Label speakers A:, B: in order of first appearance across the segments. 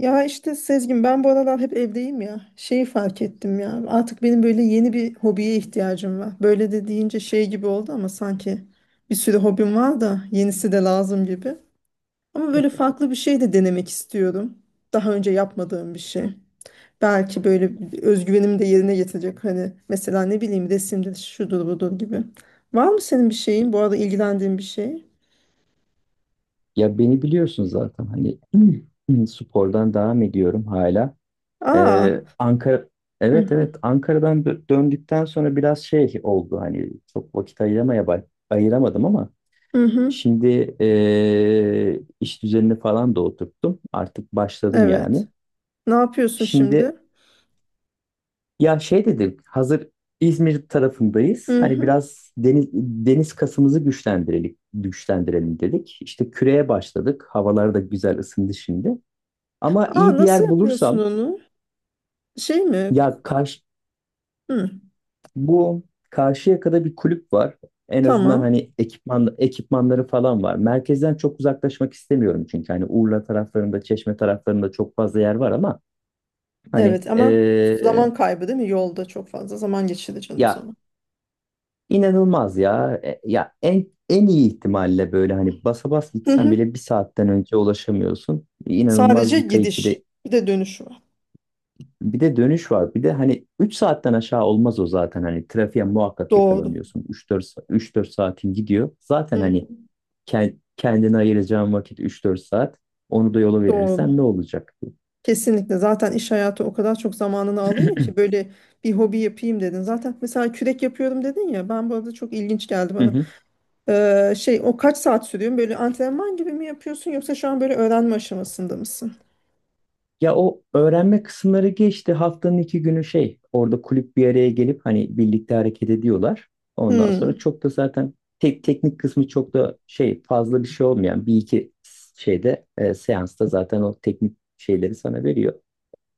A: Ya işte Sezgin, ben bu aralar hep evdeyim ya. Şeyi fark ettim ya. Artık benim böyle yeni bir hobiye ihtiyacım var. Böyle de deyince şey gibi oldu ama sanki bir sürü hobim var da yenisi de lazım gibi. Ama böyle farklı bir şey de denemek istiyorum. Daha önce yapmadığım bir şey. Belki böyle bir özgüvenimi de yerine getirecek. Hani mesela ne bileyim resimdir, şudur budur gibi. Var mı senin bir şeyin? Bu arada ilgilendiğin bir şey?
B: Ya beni biliyorsun zaten hani spordan devam ediyorum hala.
A: Aa.
B: Ankara
A: Hı
B: evet
A: hı.
B: evet, Ankara'dan döndükten sonra biraz şey oldu hani çok vakit ayıramaya ayıramadım ama
A: Hı hı.
B: şimdi iş düzenini falan da oturttum. Artık başladım yani.
A: Evet. Ne yapıyorsun şimdi?
B: Şimdi ya şey dedim hazır, İzmir tarafındayız.
A: Hı
B: Hani
A: hı.
B: biraz deniz, deniz kasımızı güçlendirelim, güçlendirelim dedik. İşte küreye başladık. Havalar da güzel ısındı şimdi. Ama
A: Aa,
B: iyi bir
A: nasıl
B: yer
A: yapıyorsun
B: bulursam,
A: onu? Şey mi?
B: ya,
A: Hı,
B: bu Karşıyaka'da bir kulüp var. En azından
A: tamam.
B: hani ekipmanları falan var. Merkezden çok uzaklaşmak istemiyorum çünkü hani Urla taraflarında, Çeşme taraflarında çok fazla yer var ama hani,
A: Evet ama zaman kaybı değil mi? Yolda çok fazla zaman geçireceksin o
B: ya
A: zaman.
B: inanılmaz ya. Ya en iyi ihtimalle böyle hani basa bas
A: Hı
B: gitsen
A: hı.
B: bile bir saatten önce ulaşamıyorsun. İnanılmaz
A: Sadece
B: bir kayıp,
A: gidiş. Bir de dönüş var.
B: Bir de dönüş var. Bir de hani 3 saatten aşağı olmaz o zaten. Hani trafiğe muhakkak
A: Doğru.
B: yakalanıyorsun. 3-4 saatin gidiyor.
A: Hı
B: Zaten hani
A: hı.
B: kendine ayıracağın vakit 3-4 saat. Onu da yola
A: Doğru.
B: verirsen ne olacak?
A: Kesinlikle. Zaten iş hayatı o kadar çok zamanını alıyor ki böyle bir hobi yapayım dedin. Zaten mesela kürek yapıyorum dedin ya. Ben bu arada çok ilginç geldi
B: Hı
A: bana.
B: hı.
A: Şey o kaç saat sürüyor? Böyle antrenman gibi mi yapıyorsun yoksa şu an böyle öğrenme aşamasında mısın?
B: Ya o öğrenme kısımları geçti. Haftanın iki günü şey orada kulüp bir araya gelip hani birlikte hareket ediyorlar. Ondan
A: Hı.
B: sonra çok da zaten teknik kısmı çok da şey fazla bir şey olmayan bir iki şeyde, seansta zaten o teknik şeyleri sana veriyor.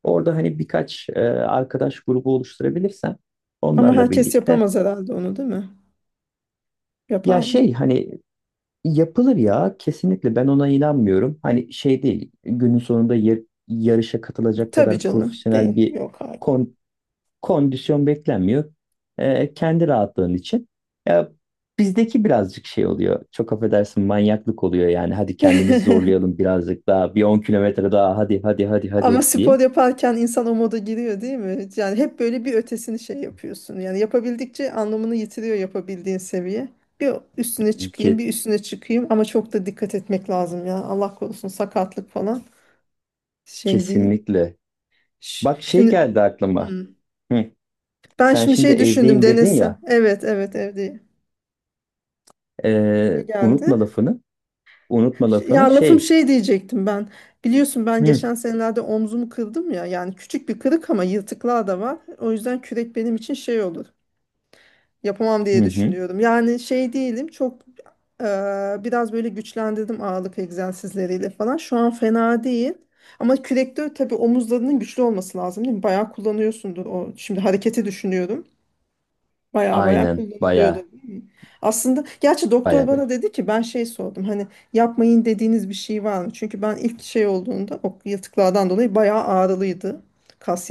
B: Orada hani birkaç arkadaş grubu oluşturabilirsem
A: Ama
B: onlarla
A: herkes
B: birlikte.
A: yapamaz herhalde onu, değil mi? Yapar
B: Ya
A: mı?
B: şey hani yapılır ya, kesinlikle ben ona inanmıyorum. Hani şey değil, günün sonunda yarışa katılacak
A: Tabii
B: kadar
A: canım.
B: profesyonel
A: Değil.
B: bir
A: Yok abi.
B: kon- kondisyon beklenmiyor. Kendi rahatlığın için. Ya bizdeki birazcık şey oluyor. Çok affedersin, manyaklık oluyor yani. Hadi kendimizi zorlayalım birazcık daha. Bir 10 kilometre daha, hadi hadi hadi hadi,
A: Ama
B: hadi diye.
A: spor yaparken insan o moda giriyor değil mi? Yani hep böyle bir ötesini şey yapıyorsun. Yani yapabildikçe anlamını yitiriyor yapabildiğin seviye. Bir üstüne
B: Ke-
A: çıkayım, bir üstüne çıkayım ama çok da dikkat etmek lazım ya. Allah korusun sakatlık falan şey değil.
B: kesinlikle. Bak şey
A: Şimdi
B: geldi aklıma.
A: Hmm.
B: Hı.
A: ben
B: Sen
A: şimdi
B: şimdi
A: şey düşündüm,
B: evdeyim dedin
A: denesem.
B: ya.
A: Evet, evet, evde. Ne geldi?
B: Unutma lafını. Unutma lafını
A: Ya lafım
B: şey.
A: şey diyecektim ben. Biliyorsun ben
B: Hı.
A: geçen senelerde omzumu kırdım ya. Yani küçük bir kırık ama yırtıklar da var. O yüzden kürek benim için şey olur. Yapamam
B: Hı
A: diye
B: hı.
A: düşünüyorum. Yani şey değilim. Çok e, biraz böyle güçlendirdim ağırlık egzersizleriyle falan. Şu an fena değil. Ama kürekte tabii omuzlarının güçlü olması lazım, değil mi? Bayağı kullanıyorsundur o. Şimdi hareketi düşünüyorum. Baya baya
B: Aynen.
A: kullanılıyordu,
B: Baya
A: değil mi? Aslında gerçi doktor
B: baya
A: bana
B: bir.
A: dedi ki ben şey sordum hani yapmayın dediğiniz bir şey var mı? Çünkü ben ilk şey olduğunda o yırtıklardan dolayı bayağı ağrılıydı. Kas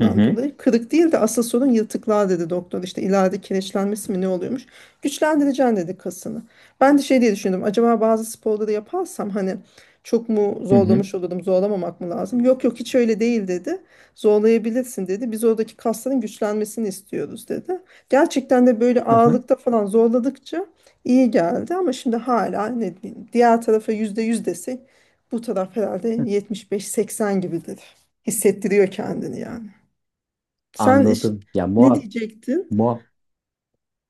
B: Hı hı.
A: dolayı. Kırık değil de asıl sorun yırtıklar dedi doktor. İşte ileride kireçlenmesi mi ne oluyormuş? Güçlendireceksin dedi kasını. Ben de şey diye düşündüm. Acaba bazı sporları yaparsam hani çok mu
B: Hı hı.
A: zorlamış olurum, zorlamamak mı lazım? Yok yok hiç öyle değil dedi. Zorlayabilirsin dedi. Biz oradaki kasların güçlenmesini istiyoruz dedi. Gerçekten de böyle
B: Hı hı.
A: ağırlıkta falan zorladıkça iyi geldi ama şimdi hala ne diyeyim, diğer tarafa %100 desek bu taraf herhalde 75-80 gibidir. Hissettiriyor kendini yani. Sen
B: Anladım. Ya
A: ne
B: muhak
A: diyecektin?
B: muhak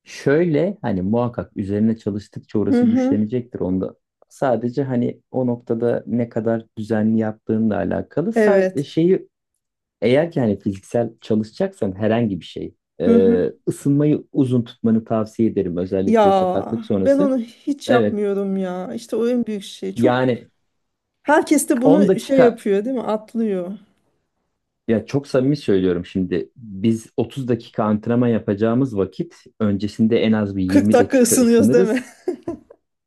B: şöyle hani muhakkak üzerine çalıştıkça
A: Hı
B: orası
A: hı.
B: güçlenecektir onda. Sadece hani o noktada ne kadar düzenli yaptığınla alakalı. Sa- e,
A: Evet.
B: şeyi eğer ki hani fiziksel çalışacaksan herhangi bir şey,
A: Hı hı.
B: ısınmayı uzun tutmanı tavsiye ederim, özellikle
A: Ya
B: sakatlık
A: ben
B: sonrası.
A: onu hiç
B: Evet.
A: yapmıyorum ya. İşte o en büyük şey. Çok
B: Yani
A: herkes de
B: 10
A: bunu şey
B: dakika,
A: yapıyor değil mi? Atlıyor.
B: ya çok samimi söylüyorum, şimdi biz 30 dakika antrenman yapacağımız vakit öncesinde en az bir
A: kırk
B: 20
A: dakika
B: dakika
A: ısınıyoruz değil mi?
B: ısınırız.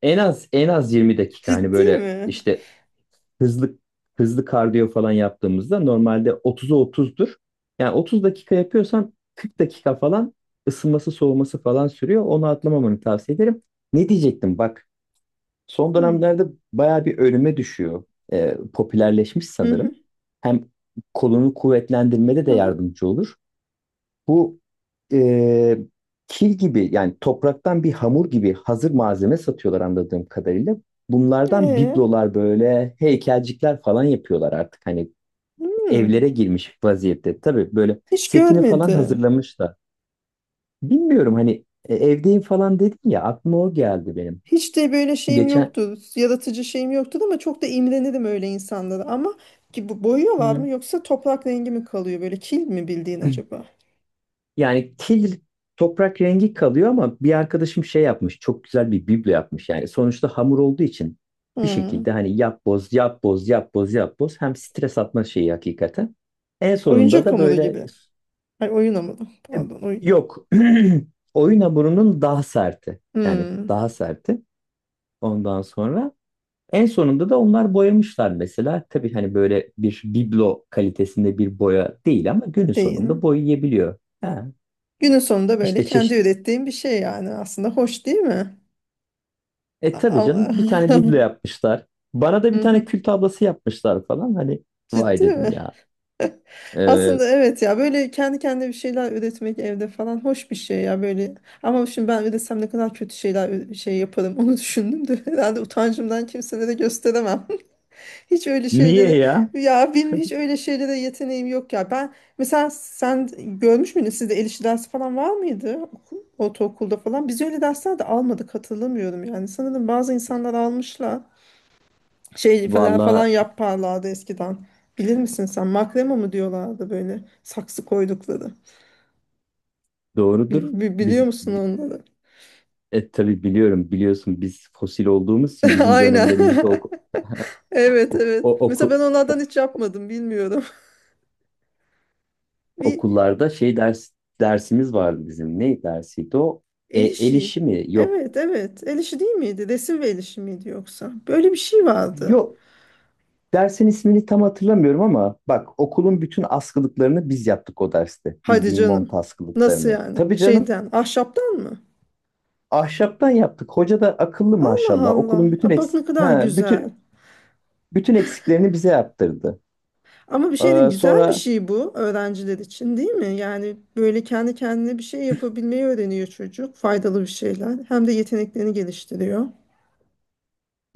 B: En az 20 dakika hani
A: Ciddi
B: böyle
A: mi?
B: işte hızlı hızlı kardiyo falan yaptığımızda normalde 30'a 30'dur. Yani 30 dakika yapıyorsan 40 dakika falan ısınması soğuması falan sürüyor. Onu atlamamanı tavsiye ederim. Ne diyecektim, bak. Son
A: Hı hı.
B: dönemlerde bayağı bir önüme düşüyor. Popülerleşmiş
A: Hı hı.
B: sanırım. Hem kolunu kuvvetlendirmede
A: Hı
B: de
A: hı.
B: yardımcı olur. Bu, e, kil gibi, yani topraktan bir hamur gibi, hazır malzeme satıyorlar anladığım kadarıyla. Bunlardan
A: Ee?
B: biblolar, böyle heykelcikler falan yapıyorlar artık. Hani evlere
A: Hmm.
B: girmiş vaziyette. Tabii böyle
A: Hiç
B: setini falan
A: görmedim.
B: hazırlamış da. Bilmiyorum hani, evdeyim falan dedim ya, aklıma o geldi benim.
A: Hiç de böyle şeyim
B: Geçen
A: yoktu. Yaratıcı şeyim yoktu ama çok da imrenirim öyle insanlara. Ama ki bu boyuyorlar mı
B: Hı.
A: yoksa toprak rengi mi kalıyor böyle, kil mi bildiğin acaba?
B: Yani kil toprak rengi kalıyor ama bir arkadaşım şey yapmış. Çok güzel bir biblo yapmış. Yani sonuçta hamur olduğu için bir
A: Hmm.
B: şekilde hani yap boz yap boz yap boz yap boz, hem stres atma şeyi hakikaten. En sonunda
A: Oyuncak
B: da
A: hamuru
B: böyle,
A: gibi. Ay oyun hamuru.
B: e,
A: Pardon, oyun.
B: yok, oyun hamurunun daha serti. Yani
A: Hmm.
B: daha serti. Ondan sonra en sonunda da onlar boyamışlar mesela. Tabii hani böyle bir biblo kalitesinde bir boya değil ama günün
A: Değil.
B: sonunda boyayabiliyor. Ha,
A: Günün sonunda böyle
B: işte
A: kendi
B: çeşit
A: ürettiğim bir şey yani aslında hoş değil mi?
B: E
A: A- a-
B: tabii canım, bir tane biblo yapmışlar. Bana da bir
A: Hı
B: tane
A: hı.
B: kül tablası yapmışlar falan. Hani vay
A: Ciddi mi?
B: dedim ya. Ee,
A: Aslında evet ya, böyle kendi kendine bir şeyler üretmek evde falan hoş bir şey ya böyle. Ama şimdi ben üretsem ne kadar kötü şeyler şey yaparım onu düşündüm de herhalde utancımdan kimselere gösteremem. Hiç öyle
B: niye
A: şeylere
B: ya?
A: ya benim hiç öyle şeylere yeteneğim yok ya. Ben mesela sen görmüş müydün, sizde el işi dersi falan var mıydı ortaokulda falan? Biz öyle dersler de almadık, hatırlamıyorum yani. Sanırım bazı insanlar almışlar şey falan falan
B: Valla
A: yaparlardı eskiden. Bilir misin sen? Makrema mı diyorlardı böyle saksı koydukları.
B: doğrudur.
A: Biliyor
B: Biz
A: musun
B: bi-
A: onları?
B: tabii biliyorum, biliyorsun biz fosil olduğumuz için bizim
A: Aynen.
B: dönemlerimizde
A: Evet,
B: ok,
A: evet.
B: o-
A: Mesela ben
B: oku-
A: onlardan hiç yapmadım, bilmiyorum. Bir
B: okullarda şey dersimiz vardı bizim. Ne dersiydi o? E,
A: el
B: el
A: işi.
B: işi mi? Yok.
A: Evet, evet. El işi değil miydi? Resim ve el işi miydi yoksa? Böyle bir şey vardı.
B: Yok. Dersin ismini tam hatırlamıyorum ama bak, okulun bütün askılıklarını biz yaptık o derste.
A: Hadi
B: Bildiğim mont
A: canım. Nasıl
B: askılıklarını.
A: yani?
B: Tabii canım,
A: Şeyden, ahşaptan mı?
B: ahşaptan yaptık. Hoca da akıllı,
A: Allah
B: maşallah.
A: Allah.
B: Okulun
A: Aa,
B: bütün
A: bak ne kadar güzel.
B: bütün eksiklerini bize yaptırdı.
A: Ama bir şey diyeyim,
B: Ee,
A: güzel bir
B: sonra
A: şey bu öğrenciler için değil mi? Yani böyle kendi kendine bir şey yapabilmeyi öğreniyor çocuk. Faydalı bir şeyler. Hem de yeteneklerini geliştiriyor.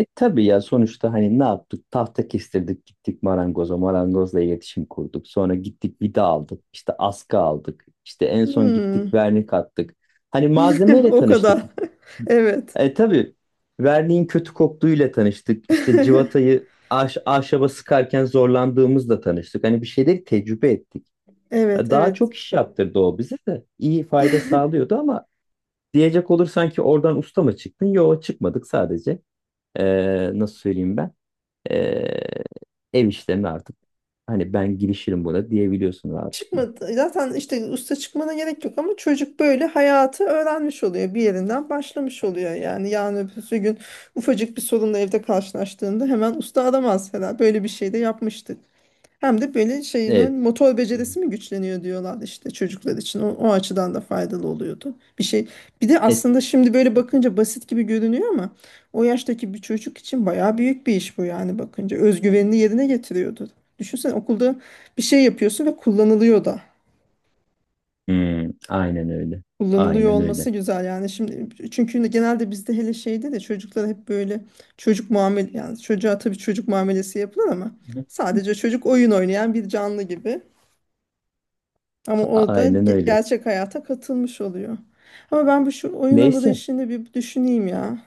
B: tabii ya, sonuçta hani ne yaptık? Tahta kestirdik, gittik marangoza. Marangozla iletişim kurduk. Sonra gittik vida aldık. İşte askı aldık. İşte en son
A: Hmm.
B: gittik vernik attık. Hani malzemeyle
A: O
B: tanıştık.
A: kadar. Evet.
B: Tabii verniğin kötü koktuğuyla tanıştık. İşte civatayı ahşaba sıkarken zorlandığımızla tanıştık. Hani bir şeyleri tecrübe ettik.
A: Evet,
B: Daha
A: evet.
B: çok iş yaptırdı o bize de. İyi fayda sağlıyordu ama diyecek olursan ki oradan usta mı çıktın? Yok, çıkmadık sadece. Nasıl söyleyeyim ben? Ee, ev işlerini artık hani ben girişirim buna diyebiliyorsun rahatlıkla.
A: Çıkmadı. Zaten işte usta çıkmana gerek yok ama çocuk böyle hayatı öğrenmiş oluyor. Bir yerinden başlamış oluyor yani. Yarın öbür gün ufacık bir sorunla evde karşılaştığında hemen usta aramaz herhalde. Böyle bir şey de yapmıştık. Hem de böyle şeyin
B: Evet.
A: motor
B: Hı.
A: becerisi mi güçleniyor diyorlar işte çocuklar için. O, o açıdan da faydalı oluyordu. Bir şey. Bir de
B: Et.
A: aslında şimdi böyle bakınca basit gibi görünüyor ama o yaştaki bir çocuk için bayağı büyük bir iş bu yani, bakınca. Özgüvenini yerine getiriyordu. Düşünsene, okulda bir şey yapıyorsun ve kullanılıyor da.
B: Hmm, aynen öyle.
A: Kullanılıyor
B: Aynen
A: olması
B: öyle.
A: güzel yani şimdi, çünkü genelde bizde hele şeyde de çocuklara hep böyle çocuk muamele, yani çocuğa tabii çocuk muamelesi yapılır ama sadece çocuk oyun oynayan bir canlı gibi. Ama o da
B: Aynen öyle.
A: gerçek hayata katılmış oluyor. Ama ben bu şu oyun hamuru
B: Neyse.
A: işini bir düşüneyim ya.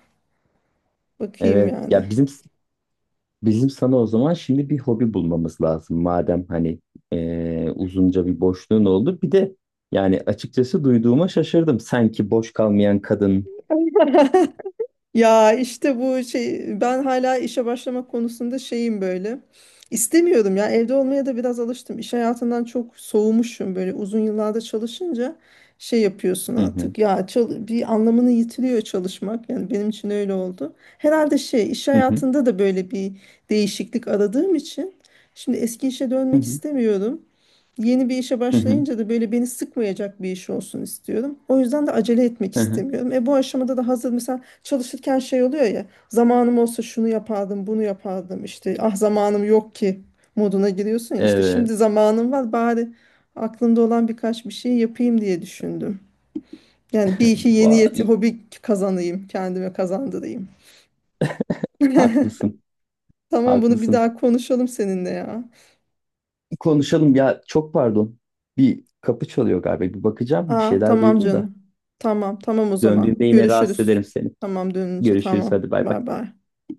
A: Bakayım
B: Evet
A: yani.
B: ya, bizim sana o zaman şimdi bir hobi bulmamız lazım madem hani, uzunca bir boşluğun oldu. Bir de yani açıkçası duyduğuma şaşırdım. Sanki boş kalmayan kadın.
A: Ya işte bu şey, ben hala işe başlamak konusunda şeyim böyle. İstemiyorum ya, evde olmaya da biraz alıştım. İş hayatından çok soğumuşum böyle uzun yıllarda çalışınca şey yapıyorsun
B: Hı hı,
A: artık. Ya bir anlamını yitiriyor çalışmak. Yani benim için öyle oldu. Herhalde şey iş
B: hı hı,
A: hayatında da böyle bir değişiklik aradığım için şimdi eski işe
B: hı
A: dönmek
B: hı,
A: istemiyorum. Yeni bir işe
B: hı hı,
A: başlayınca da böyle beni sıkmayacak bir iş olsun istiyorum. O yüzden de acele etmek
B: hı hı.
A: istemiyorum. E bu aşamada da hazır mesela çalışırken şey oluyor ya, zamanım olsa şunu yapardım bunu yapardım işte ah zamanım yok ki moduna giriyorsun ya, işte
B: Evet.
A: şimdi zamanım var bari aklımda olan birkaç bir şey yapayım diye düşündüm. Yani bir iki yeni
B: Vay,
A: hobi kazanayım, kendime kazandırayım.
B: haklısın.
A: Tamam bunu bir
B: Haklısın.
A: daha konuşalım seninle ya.
B: Konuşalım ya, çok pardon. Bir kapı çalıyor galiba. Bir bakacağım. Bir
A: Aa,
B: şeyler
A: tamam
B: duydum da.
A: canım. Tamam, tamam o
B: Döndüğümde
A: zaman.
B: yine rahatsız
A: Görüşürüz.
B: ederim seni.
A: Tamam, dönünce
B: Görüşürüz
A: tamam.
B: hadi, bay bay.
A: Bay bay.